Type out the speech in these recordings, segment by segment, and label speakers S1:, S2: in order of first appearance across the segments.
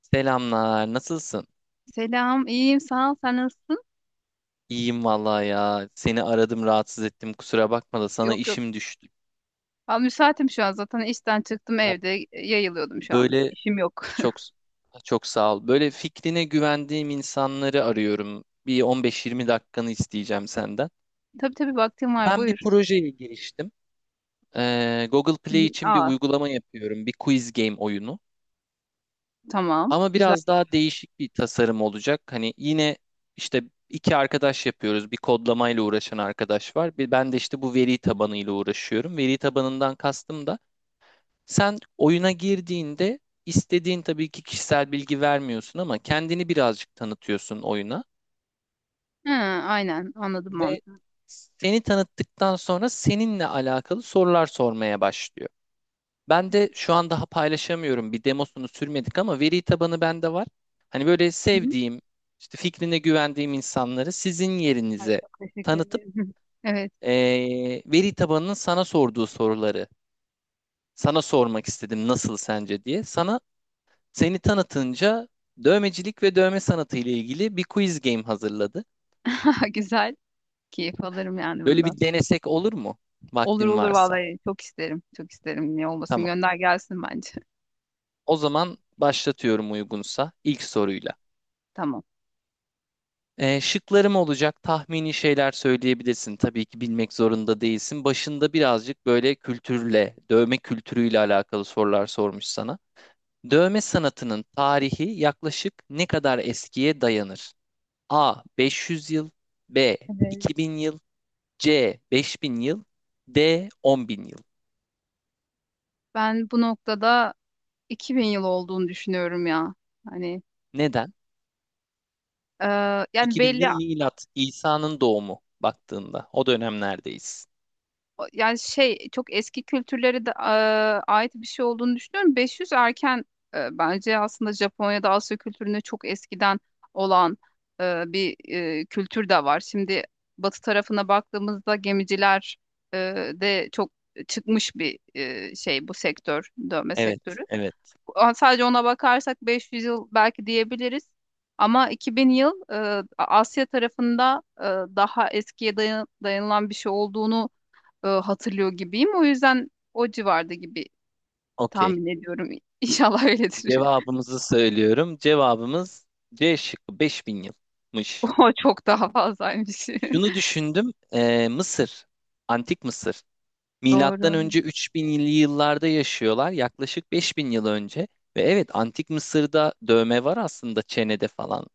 S1: Selamlar, nasılsın?
S2: Selam, iyiyim, sağ ol. Sen nasılsın?
S1: İyiyim vallahi ya. Seni aradım, rahatsız ettim. Kusura bakma da sana
S2: Yok yok.
S1: işim düştü.
S2: Ben müsaitim şu an zaten işten çıktım
S1: Ya
S2: evde yayılıyordum şu an.
S1: böyle
S2: İşim yok.
S1: çok çok sağ ol. Böyle fikrine güvendiğim insanları arıyorum. Bir 15-20 dakikanı isteyeceğim senden.
S2: Tabii tabii vaktim var
S1: Ben bir
S2: buyur.
S1: projeye giriştim. Google
S2: Hı
S1: Play
S2: hı.
S1: için bir
S2: Aa
S1: uygulama yapıyorum. Bir quiz game oyunu.
S2: tamam
S1: Ama
S2: güzel.
S1: biraz daha değişik bir tasarım olacak. Hani yine işte iki arkadaş yapıyoruz. Bir kodlamayla uğraşan arkadaş var. Bir ben de işte bu veri tabanıyla uğraşıyorum. Veri tabanından kastım da sen oyuna girdiğinde istediğin tabii ki kişisel bilgi vermiyorsun ama kendini birazcık tanıtıyorsun oyuna
S2: Ha, aynen anladım
S1: ve
S2: mantığı.
S1: seni tanıttıktan sonra seninle alakalı sorular sormaya başlıyor. Ben de şu an daha paylaşamıyorum. Bir demosunu sürmedik ama veri tabanı bende var. Hani böyle
S2: Hı hı.
S1: sevdiğim, işte fikrine güvendiğim insanları sizin
S2: Ay
S1: yerinize
S2: çok teşekkür
S1: tanıtıp
S2: ederim. Evet
S1: veri tabanının sana sorduğu soruları sana sormak istedim nasıl sence diye. Sana seni tanıtınca dövmecilik ve dövme sanatı ile ilgili bir quiz game hazırladı.
S2: güzel. Keyif alırım yani
S1: Böyle
S2: bundan.
S1: bir denesek olur mu?
S2: Olur
S1: Vaktin
S2: olur
S1: varsa.
S2: vallahi çok isterim. Çok isterim. Niye olmasın
S1: Tamam.
S2: gönder gelsin bence.
S1: O zaman başlatıyorum uygunsa ilk soruyla.
S2: Tamam.
S1: Şıklarım olacak. Tahmini şeyler söyleyebilirsin. Tabii ki bilmek zorunda değilsin. Başında birazcık böyle kültürle, dövme kültürüyle alakalı sorular sormuş sana. Dövme sanatının tarihi yaklaşık ne kadar eskiye dayanır? A. 500 yıl B.
S2: Evet.
S1: 2000 yıl C. 5000 yıl D. 10.000 yıl
S2: Ben bu noktada 2000 yıl olduğunu düşünüyorum ya. Hani
S1: Neden?
S2: e, yani
S1: 2000
S2: belli
S1: yıl milat. İsa'nın doğumu baktığında. O dönemlerdeyiz.
S2: yani şey çok eski kültürlere de ait bir şey olduğunu düşünüyorum. 500 erken bence aslında Japonya'da Asya kültüründe çok eskiden olan bir kültür de var. Şimdi batı tarafına baktığımızda gemiciler e, de çok çıkmış bir şey bu sektör, dövme sektörü.
S1: Evet, evet.
S2: Sadece ona bakarsak 500 yıl belki diyebiliriz. Ama 2000 yıl Asya tarafında daha eskiye dayanılan bir şey olduğunu hatırlıyor gibiyim. O yüzden o civarda gibi
S1: Okey.
S2: tahmin ediyorum. İnşallah öyledir.
S1: Cevabımızı söylüyorum. Cevabımız C şıkkı 5000 yılmış.
S2: O çok daha fazlaymış.
S1: Şunu düşündüm. Mısır, Antik Mısır. Milattan
S2: Doğru.
S1: önce 3000'li yıllarda yaşıyorlar. Yaklaşık 5000 yıl önce. Ve evet Antik Mısır'da dövme var aslında çenede falan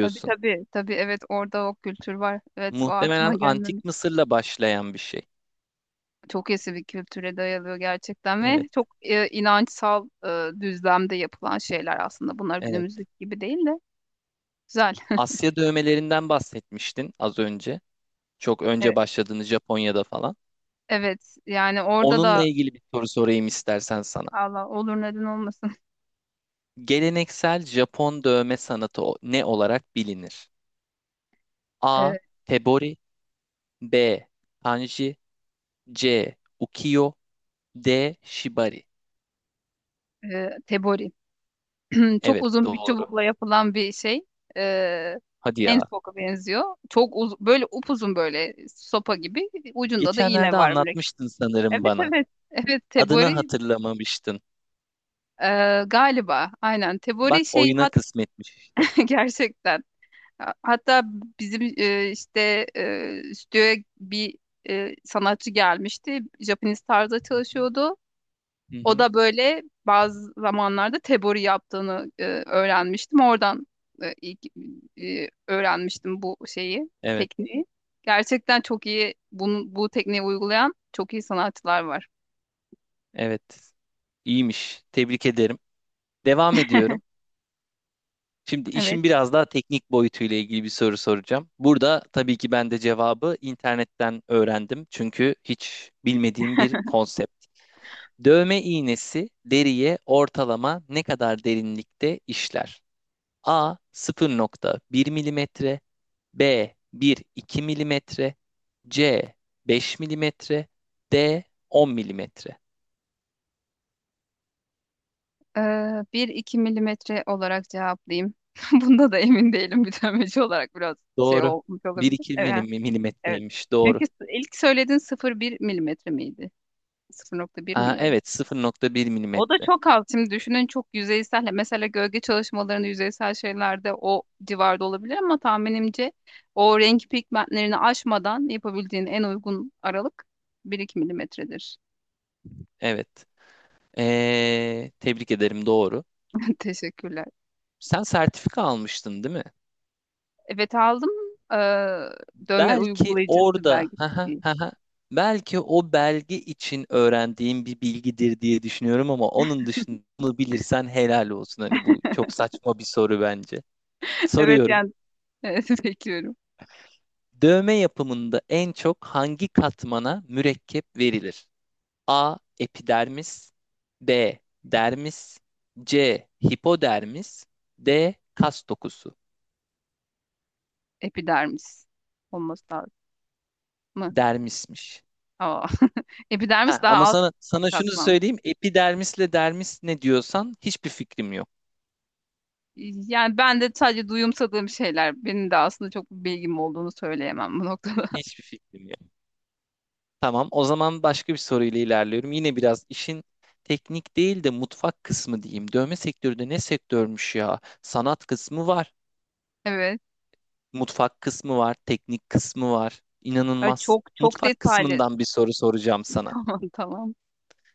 S2: Tabii tabii. Tabii evet orada o kültür var. Evet o aklıma
S1: Muhtemelen
S2: gelmemiş.
S1: Antik Mısır'la başlayan bir şey.
S2: Çok eski bir kültüre dayalıyor gerçekten
S1: Evet,
S2: ve çok inançsal düzlemde yapılan şeyler aslında. Bunlar
S1: evet.
S2: günümüzdeki gibi değil de güzel.
S1: Asya dövmelerinden bahsetmiştin az önce. Çok önce
S2: Evet,
S1: başladığını Japonya'da falan.
S2: evet yani orada
S1: Onunla
S2: da
S1: ilgili bir soru sorayım istersen sana.
S2: Allah olur neden olmasın.
S1: Geleneksel Japon dövme sanatı o- ne olarak bilinir? A.
S2: E,
S1: Tebori B. Kanji C. Ukiyo D. Shibari
S2: Tebori. Çok
S1: Evet
S2: uzun bir
S1: doğru.
S2: çubukla yapılan bir şey. Ee,
S1: Hadi ya.
S2: Handpoke'a benziyor. Çok böyle upuzun böyle sopa gibi. Ucunda da iğne
S1: Geçenlerde
S2: var mürekkep.
S1: anlatmıştın sanırım
S2: Evet
S1: bana.
S2: evet. Evet
S1: Adını
S2: tebori
S1: hatırlamamıştın.
S2: galiba. Aynen
S1: Bak
S2: tebori şey
S1: oyuna kısmetmiş işte.
S2: gerçekten. Hatta bizim işte stüdyoya bir sanatçı gelmişti. Japanese tarzda
S1: Hı hı.
S2: çalışıyordu.
S1: Hı
S2: O
S1: hı.
S2: da böyle bazı zamanlarda tebori yaptığını öğrenmiştim. Oradan e, ilk, öğrenmiştim bu şeyi,
S1: Evet,
S2: tekniği. Gerçekten çok iyi bunu, bu tekniği uygulayan çok iyi sanatçılar var.
S1: evet. İyiymiş. Tebrik ederim. Devam ediyorum. Şimdi
S2: Evet.
S1: işin biraz daha teknik boyutuyla ilgili bir soru soracağım. Burada tabii ki ben de cevabı internetten öğrendim. Çünkü hiç bilmediğim bir konsept. Dövme iğnesi deriye ortalama ne kadar derinlikte işler? A 0,1 milimetre, B 1-2 milimetre, C 5 milimetre, D 10 milimetre.
S2: Ee, 1-2 milimetre olarak cevaplayayım. Bunda da emin değilim. Bütünlemeci olarak biraz şey
S1: Doğru.
S2: olmuş olabilir.
S1: 1-2
S2: Evet. Evet.
S1: milimetreymiş. Doğru.
S2: Çünkü ilk söylediğin 0,1 milimetre miydi? 0,1
S1: Aa,
S2: miydi?
S1: evet 0,1
S2: O da
S1: milimetre.
S2: çok az. Şimdi düşünün çok yüzeysel. Mesela gölge çalışmalarında yüzeysel şeylerde o civarda olabilir ama tahminimce o renk pigmentlerini aşmadan yapabildiğin en uygun aralık 1-2 milimetredir.
S1: Evet. Tebrik ederim doğru.
S2: Teşekkürler.
S1: Sen sertifika almıştın değil mi?
S2: Evet aldım. Ee, Dövme
S1: Belki
S2: uygulayıcısı
S1: orada haha,
S2: belgesi.
S1: haha, belki o belge için öğrendiğin bir bilgidir diye düşünüyorum ama onun dışında bunu bilirsen helal olsun. Hani bu çok saçma bir soru bence.
S2: Evet
S1: Soruyorum.
S2: yani evet, bekliyorum.
S1: Dövme yapımında en çok hangi katmana mürekkep verilir? A. Epidermis B. Dermis C. Hipodermis D. Kas dokusu.
S2: Epidermis olması lazım mı?
S1: Dermismiş.
S2: Aa. Epidermis
S1: Ha,
S2: daha
S1: ama
S2: alt
S1: sana şunu
S2: katman.
S1: söyleyeyim. Epidermisle dermis ne diyorsan hiçbir fikrim yok.
S2: Yani ben de sadece duyumsadığım şeyler. Benim de aslında çok bir bilgim olduğunu söyleyemem bu noktada.
S1: Hiçbir fikrim yok. Tamam, o zaman başka bir soruyla ilerliyorum. Yine biraz işin teknik değil de mutfak kısmı diyeyim. Dövme sektörü de ne sektörmüş ya? Sanat kısmı var,
S2: Evet.
S1: mutfak kısmı var, teknik kısmı var.
S2: Ay,
S1: İnanılmaz.
S2: çok çok
S1: Mutfak
S2: detaylı.
S1: kısmından bir soru soracağım sana.
S2: Tamam tamam.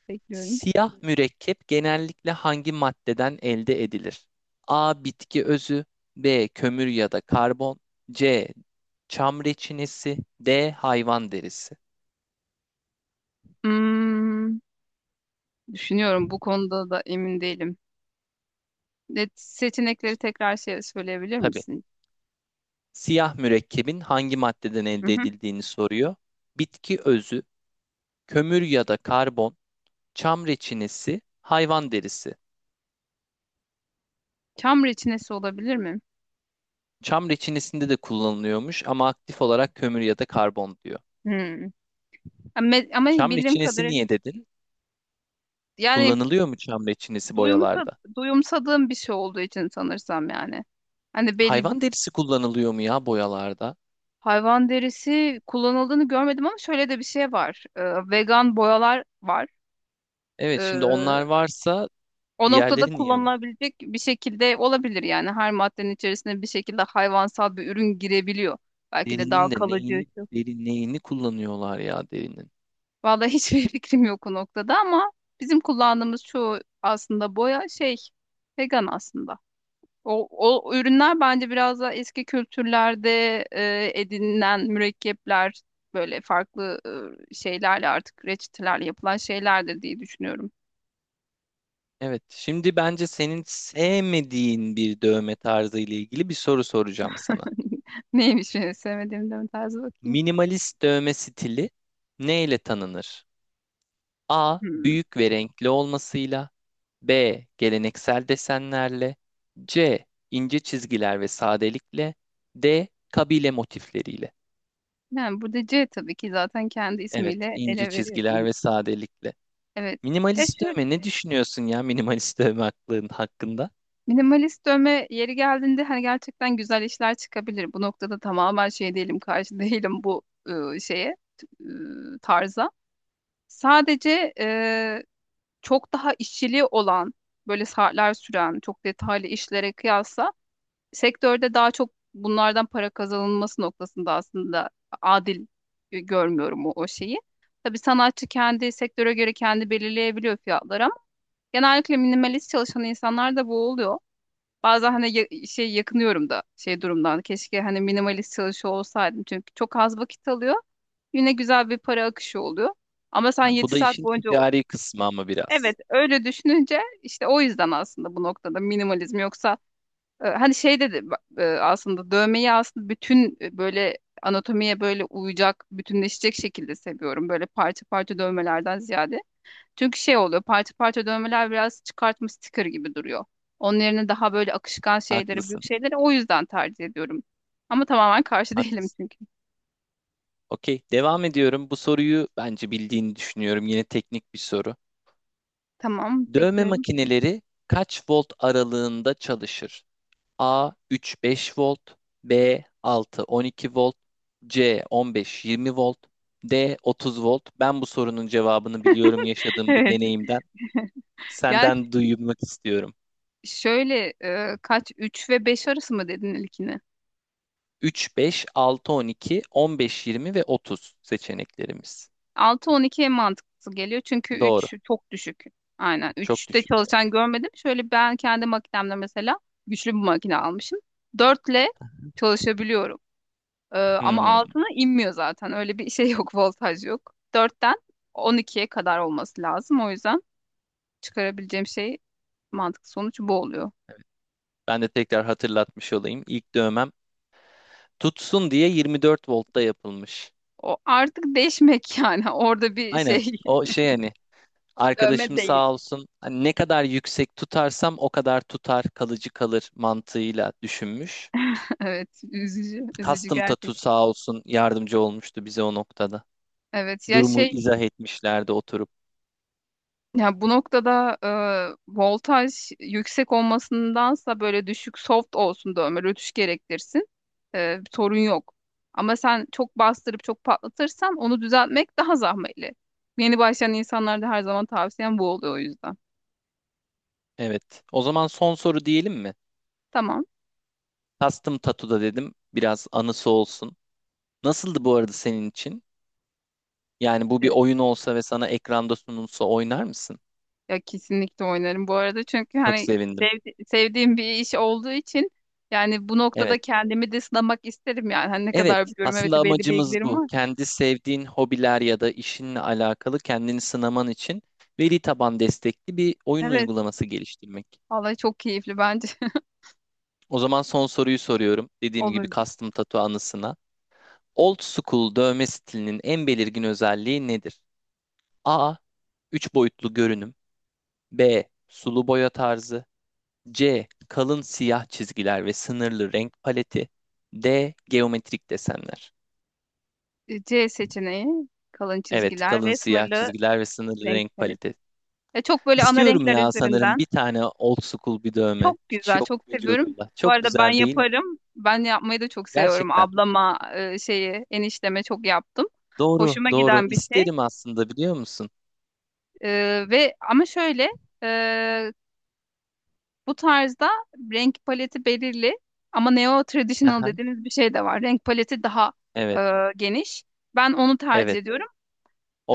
S2: Bekliyorum.
S1: Siyah mürekkep genellikle hangi maddeden elde edilir? A. Bitki özü B. Kömür ya da karbon C. Çam reçinesi D. Hayvan derisi.
S2: Hmm, düşünüyorum bu konuda da emin değilim. Net seçenekleri tekrar şey söyleyebilir
S1: Tabii.
S2: misin?
S1: Siyah mürekkebin hangi maddeden
S2: Hı
S1: elde
S2: hı.
S1: edildiğini soruyor. Bitki özü, kömür ya da karbon, çam reçinesi, hayvan derisi.
S2: Çam reçinesi olabilir mi?
S1: Çam reçinesinde de kullanılıyormuş ama aktif olarak kömür ya da karbon diyor.
S2: Hmm. Ama
S1: Çam
S2: bildiğim
S1: reçinesi
S2: kadarıyla
S1: niye dedin?
S2: yani
S1: Kullanılıyor mu çam reçinesi
S2: duyumsa,
S1: boyalarda?
S2: duyumsadığım bir şey olduğu için sanırsam yani. Hani belli
S1: Hayvan derisi kullanılıyor mu ya boyalarda?
S2: hayvan derisi kullanıldığını görmedim ama şöyle de bir şey var. Vegan boyalar var.
S1: Evet şimdi onlar
S2: Ee,
S1: varsa
S2: O noktada
S1: diğerleri niye var?
S2: kullanılabilecek bir şekilde olabilir yani. Her maddenin içerisine bir şekilde hayvansal bir ürün girebiliyor. Belki de daha
S1: Derinin de
S2: kalıcı.
S1: neyini,
S2: Şu.
S1: deri neyini kullanıyorlar ya derinin?
S2: Vallahi hiçbir fikrim yok o noktada ama bizim kullandığımız çoğu aslında boya şey vegan aslında. O, o ürünler bence biraz daha eski kültürlerde edinilen mürekkepler böyle farklı şeylerle artık reçetelerle yapılan şeylerdir diye düşünüyorum.
S1: Evet şimdi bence senin sevmediğin bir dövme tarzı ile ilgili bir soru soracağım sana.
S2: Neymiş benim sevmediğim de tarzı bakayım.
S1: Minimalist dövme stili ne ile tanınır? A.
S2: Hmm.
S1: Büyük ve renkli olmasıyla B. Geleneksel desenlerle C. ince çizgiler ve sadelikle D. Kabile motifleriyle.
S2: Yani burada C tabii ki zaten kendi
S1: Evet,
S2: ismiyle
S1: ince
S2: ele veriyor.
S1: çizgiler ve sadelikle.
S2: Evet.
S1: Minimalist
S2: Şu
S1: dövme ne düşünüyorsun ya minimalist dövme hakkında?
S2: minimalist dövme yeri geldiğinde hani gerçekten güzel işler çıkabilir. Bu noktada tamamen şey değilim, karşı değilim bu e, şeye, t- tarza. Sadece çok daha işçiliği olan, böyle saatler süren, çok detaylı işlere kıyasla sektörde daha çok bunlardan para kazanılması noktasında aslında adil görmüyorum o şeyi. Tabii sanatçı kendi sektöre göre kendi belirleyebiliyor fiyatları ama genellikle minimalist çalışan insanlar da bu oluyor. Bazen hani şey yakınıyorum da şey durumdan. Keşke hani minimalist çalışıyor olsaydım. Çünkü çok az vakit alıyor. Yine güzel bir para akışı oluyor. Ama sen
S1: Ha,
S2: 7
S1: bu da
S2: saat
S1: işin
S2: boyunca
S1: ticari kısmı ama biraz.
S2: evet, öyle düşününce işte o yüzden aslında bu noktada minimalizm yoksa hani şey dedi aslında dövmeyi aslında bütün böyle anatomiye böyle uyacak, bütünleşecek şekilde seviyorum. Böyle parça parça dövmelerden ziyade. Çünkü şey oluyor parça parça dövmeler biraz çıkartma sticker gibi duruyor. Onun yerine daha böyle akışkan şeyleri, büyük
S1: Haklısın,
S2: şeyleri o yüzden tercih ediyorum. Ama tamamen karşı değilim
S1: haklısın.
S2: çünkü.
S1: Okey, devam ediyorum. Bu soruyu bence bildiğini düşünüyorum. Yine teknik bir soru.
S2: Tamam,
S1: Dövme
S2: bekliyorum.
S1: makineleri kaç volt aralığında çalışır? A 3-5 volt, B 6-12 volt, C 15-20 volt, D 30 volt. Ben bu sorunun cevabını biliyorum yaşadığım bir
S2: Evet.
S1: deneyimden.
S2: Yani
S1: Senden duymak istiyorum.
S2: şöyle kaç 3 ve 5 arası mı dedin ilkini?
S1: 3, 5, 6, 12, 15, 20 ve 30 seçeneklerimiz.
S2: 6-12 en mantıklısı geliyor çünkü
S1: Doğru.
S2: 3 çok düşük. Aynen
S1: Çok
S2: 3'te
S1: düşük. Evet.
S2: çalışan görmedim. Şöyle ben kendi makinemde mesela güçlü bir makine almışım. 4'le çalışabiliyorum. Ama
S1: Hmm.
S2: altına inmiyor zaten. Öyle bir şey yok, voltaj yok. 4'ten 12'ye kadar olması lazım. O yüzden çıkarabileceğim şey mantıklı sonuç bu oluyor.
S1: Ben de tekrar hatırlatmış olayım. İlk dövmem tutsun diye 24 voltta yapılmış.
S2: O artık değişmek yani orada bir
S1: Aynen.
S2: şey
S1: O şey hani
S2: dövme
S1: arkadaşım
S2: değil.
S1: sağ olsun hani ne kadar yüksek tutarsam o kadar tutar kalıcı kalır mantığıyla düşünmüş.
S2: Evet üzücü üzücü
S1: Custom
S2: gerçek.
S1: Tattoo sağ olsun yardımcı olmuştu bize o noktada.
S2: Evet ya
S1: Durumu izah etmişlerdi oturup.
S2: ya bu noktada voltaj yüksek olmasındansa böyle düşük soft olsun da ömür ötüş gerektirsin. Sorun yok. Ama sen çok bastırıp çok patlatırsan onu düzeltmek daha zahmetli. Yeni başlayan insanlarda her zaman tavsiyem bu oluyor o yüzden.
S1: Evet. O zaman son soru diyelim mi?
S2: Tamam.
S1: Custom Tattoo'da dedim. Biraz anısı olsun. Nasıldı bu arada senin için? Yani bu bir
S2: Evet.
S1: oyun olsa ve sana ekranda sunulsa oynar mısın?
S2: Ya kesinlikle oynarım bu arada çünkü
S1: Çok
S2: hani
S1: sevindim.
S2: sevdiğim bir iş olduğu için yani bu noktada
S1: Evet.
S2: kendimi de sınamak isterim yani. Hani ne
S1: Evet.
S2: kadar biliyorum evet
S1: Aslında
S2: belli
S1: amacımız
S2: bilgilerim
S1: bu.
S2: var.
S1: Kendi sevdiğin hobiler ya da işinle alakalı kendini sınaman için veri taban destekli bir oyun
S2: Evet.
S1: uygulaması geliştirmek.
S2: Vallahi çok keyifli bence.
S1: O zaman son soruyu soruyorum. Dediğim gibi
S2: Olur.
S1: custom tattoo anısına. Old school dövme stilinin en belirgin özelliği nedir? A. 3 boyutlu görünüm. B. Sulu boya tarzı. C. Kalın siyah çizgiler ve sınırlı renk paleti. D. Geometrik desenler.
S2: C seçeneği kalın
S1: Evet,
S2: çizgiler
S1: kalın
S2: ve
S1: siyah
S2: sınırlı
S1: çizgiler ve sınırlı
S2: renk
S1: renk
S2: paleti.
S1: paleti.
S2: Çok böyle ana
S1: İstiyorum
S2: renkler
S1: ya sanırım
S2: üzerinden.
S1: bir tane old school bir dövme.
S2: Çok
S1: Hiç
S2: güzel,
S1: yok
S2: çok seviyorum.
S1: vücudumda.
S2: Bu
S1: Çok
S2: arada ben
S1: güzel değil mi?
S2: yaparım. Ben yapmayı da çok seviyorum.
S1: Gerçekten.
S2: Ablama şeyi, enişteme çok yaptım.
S1: Doğru,
S2: Hoşuma
S1: doğru.
S2: giden bir şey.
S1: İsterim aslında biliyor musun?
S2: E, Ve ama şöyle e, bu tarzda renk paleti belirli ama neo traditional
S1: Aha,
S2: dediğiniz bir şey de var. Renk paleti daha e,
S1: evet,
S2: geniş. Ben onu tercih
S1: evet.
S2: ediyorum.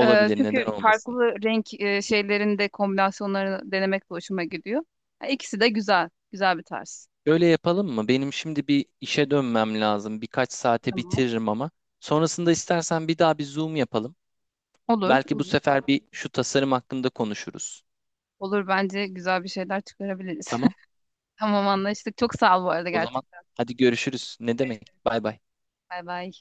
S1: neden
S2: Çünkü
S1: olmasın?
S2: farklı renk şeylerinde kombinasyonlarını denemek de hoşuma gidiyor. Ha, İkisi de güzel. Güzel bir tarz.
S1: Böyle yapalım mı? Benim şimdi bir işe dönmem lazım. Birkaç saate
S2: Tamam.
S1: bitiririm ama. Sonrasında istersen bir daha bir Zoom yapalım.
S2: Olur.
S1: Belki bu
S2: Olur.
S1: sefer bir şu tasarım hakkında konuşuruz.
S2: Olur bence güzel bir şeyler çıkarabiliriz.
S1: Tamam.
S2: Tamam anlaştık. Çok sağ ol bu arada
S1: O zaman
S2: gerçekten.
S1: hadi görüşürüz. Ne demek?
S2: Görüşürüz.
S1: Bay bay.
S2: Bay bay.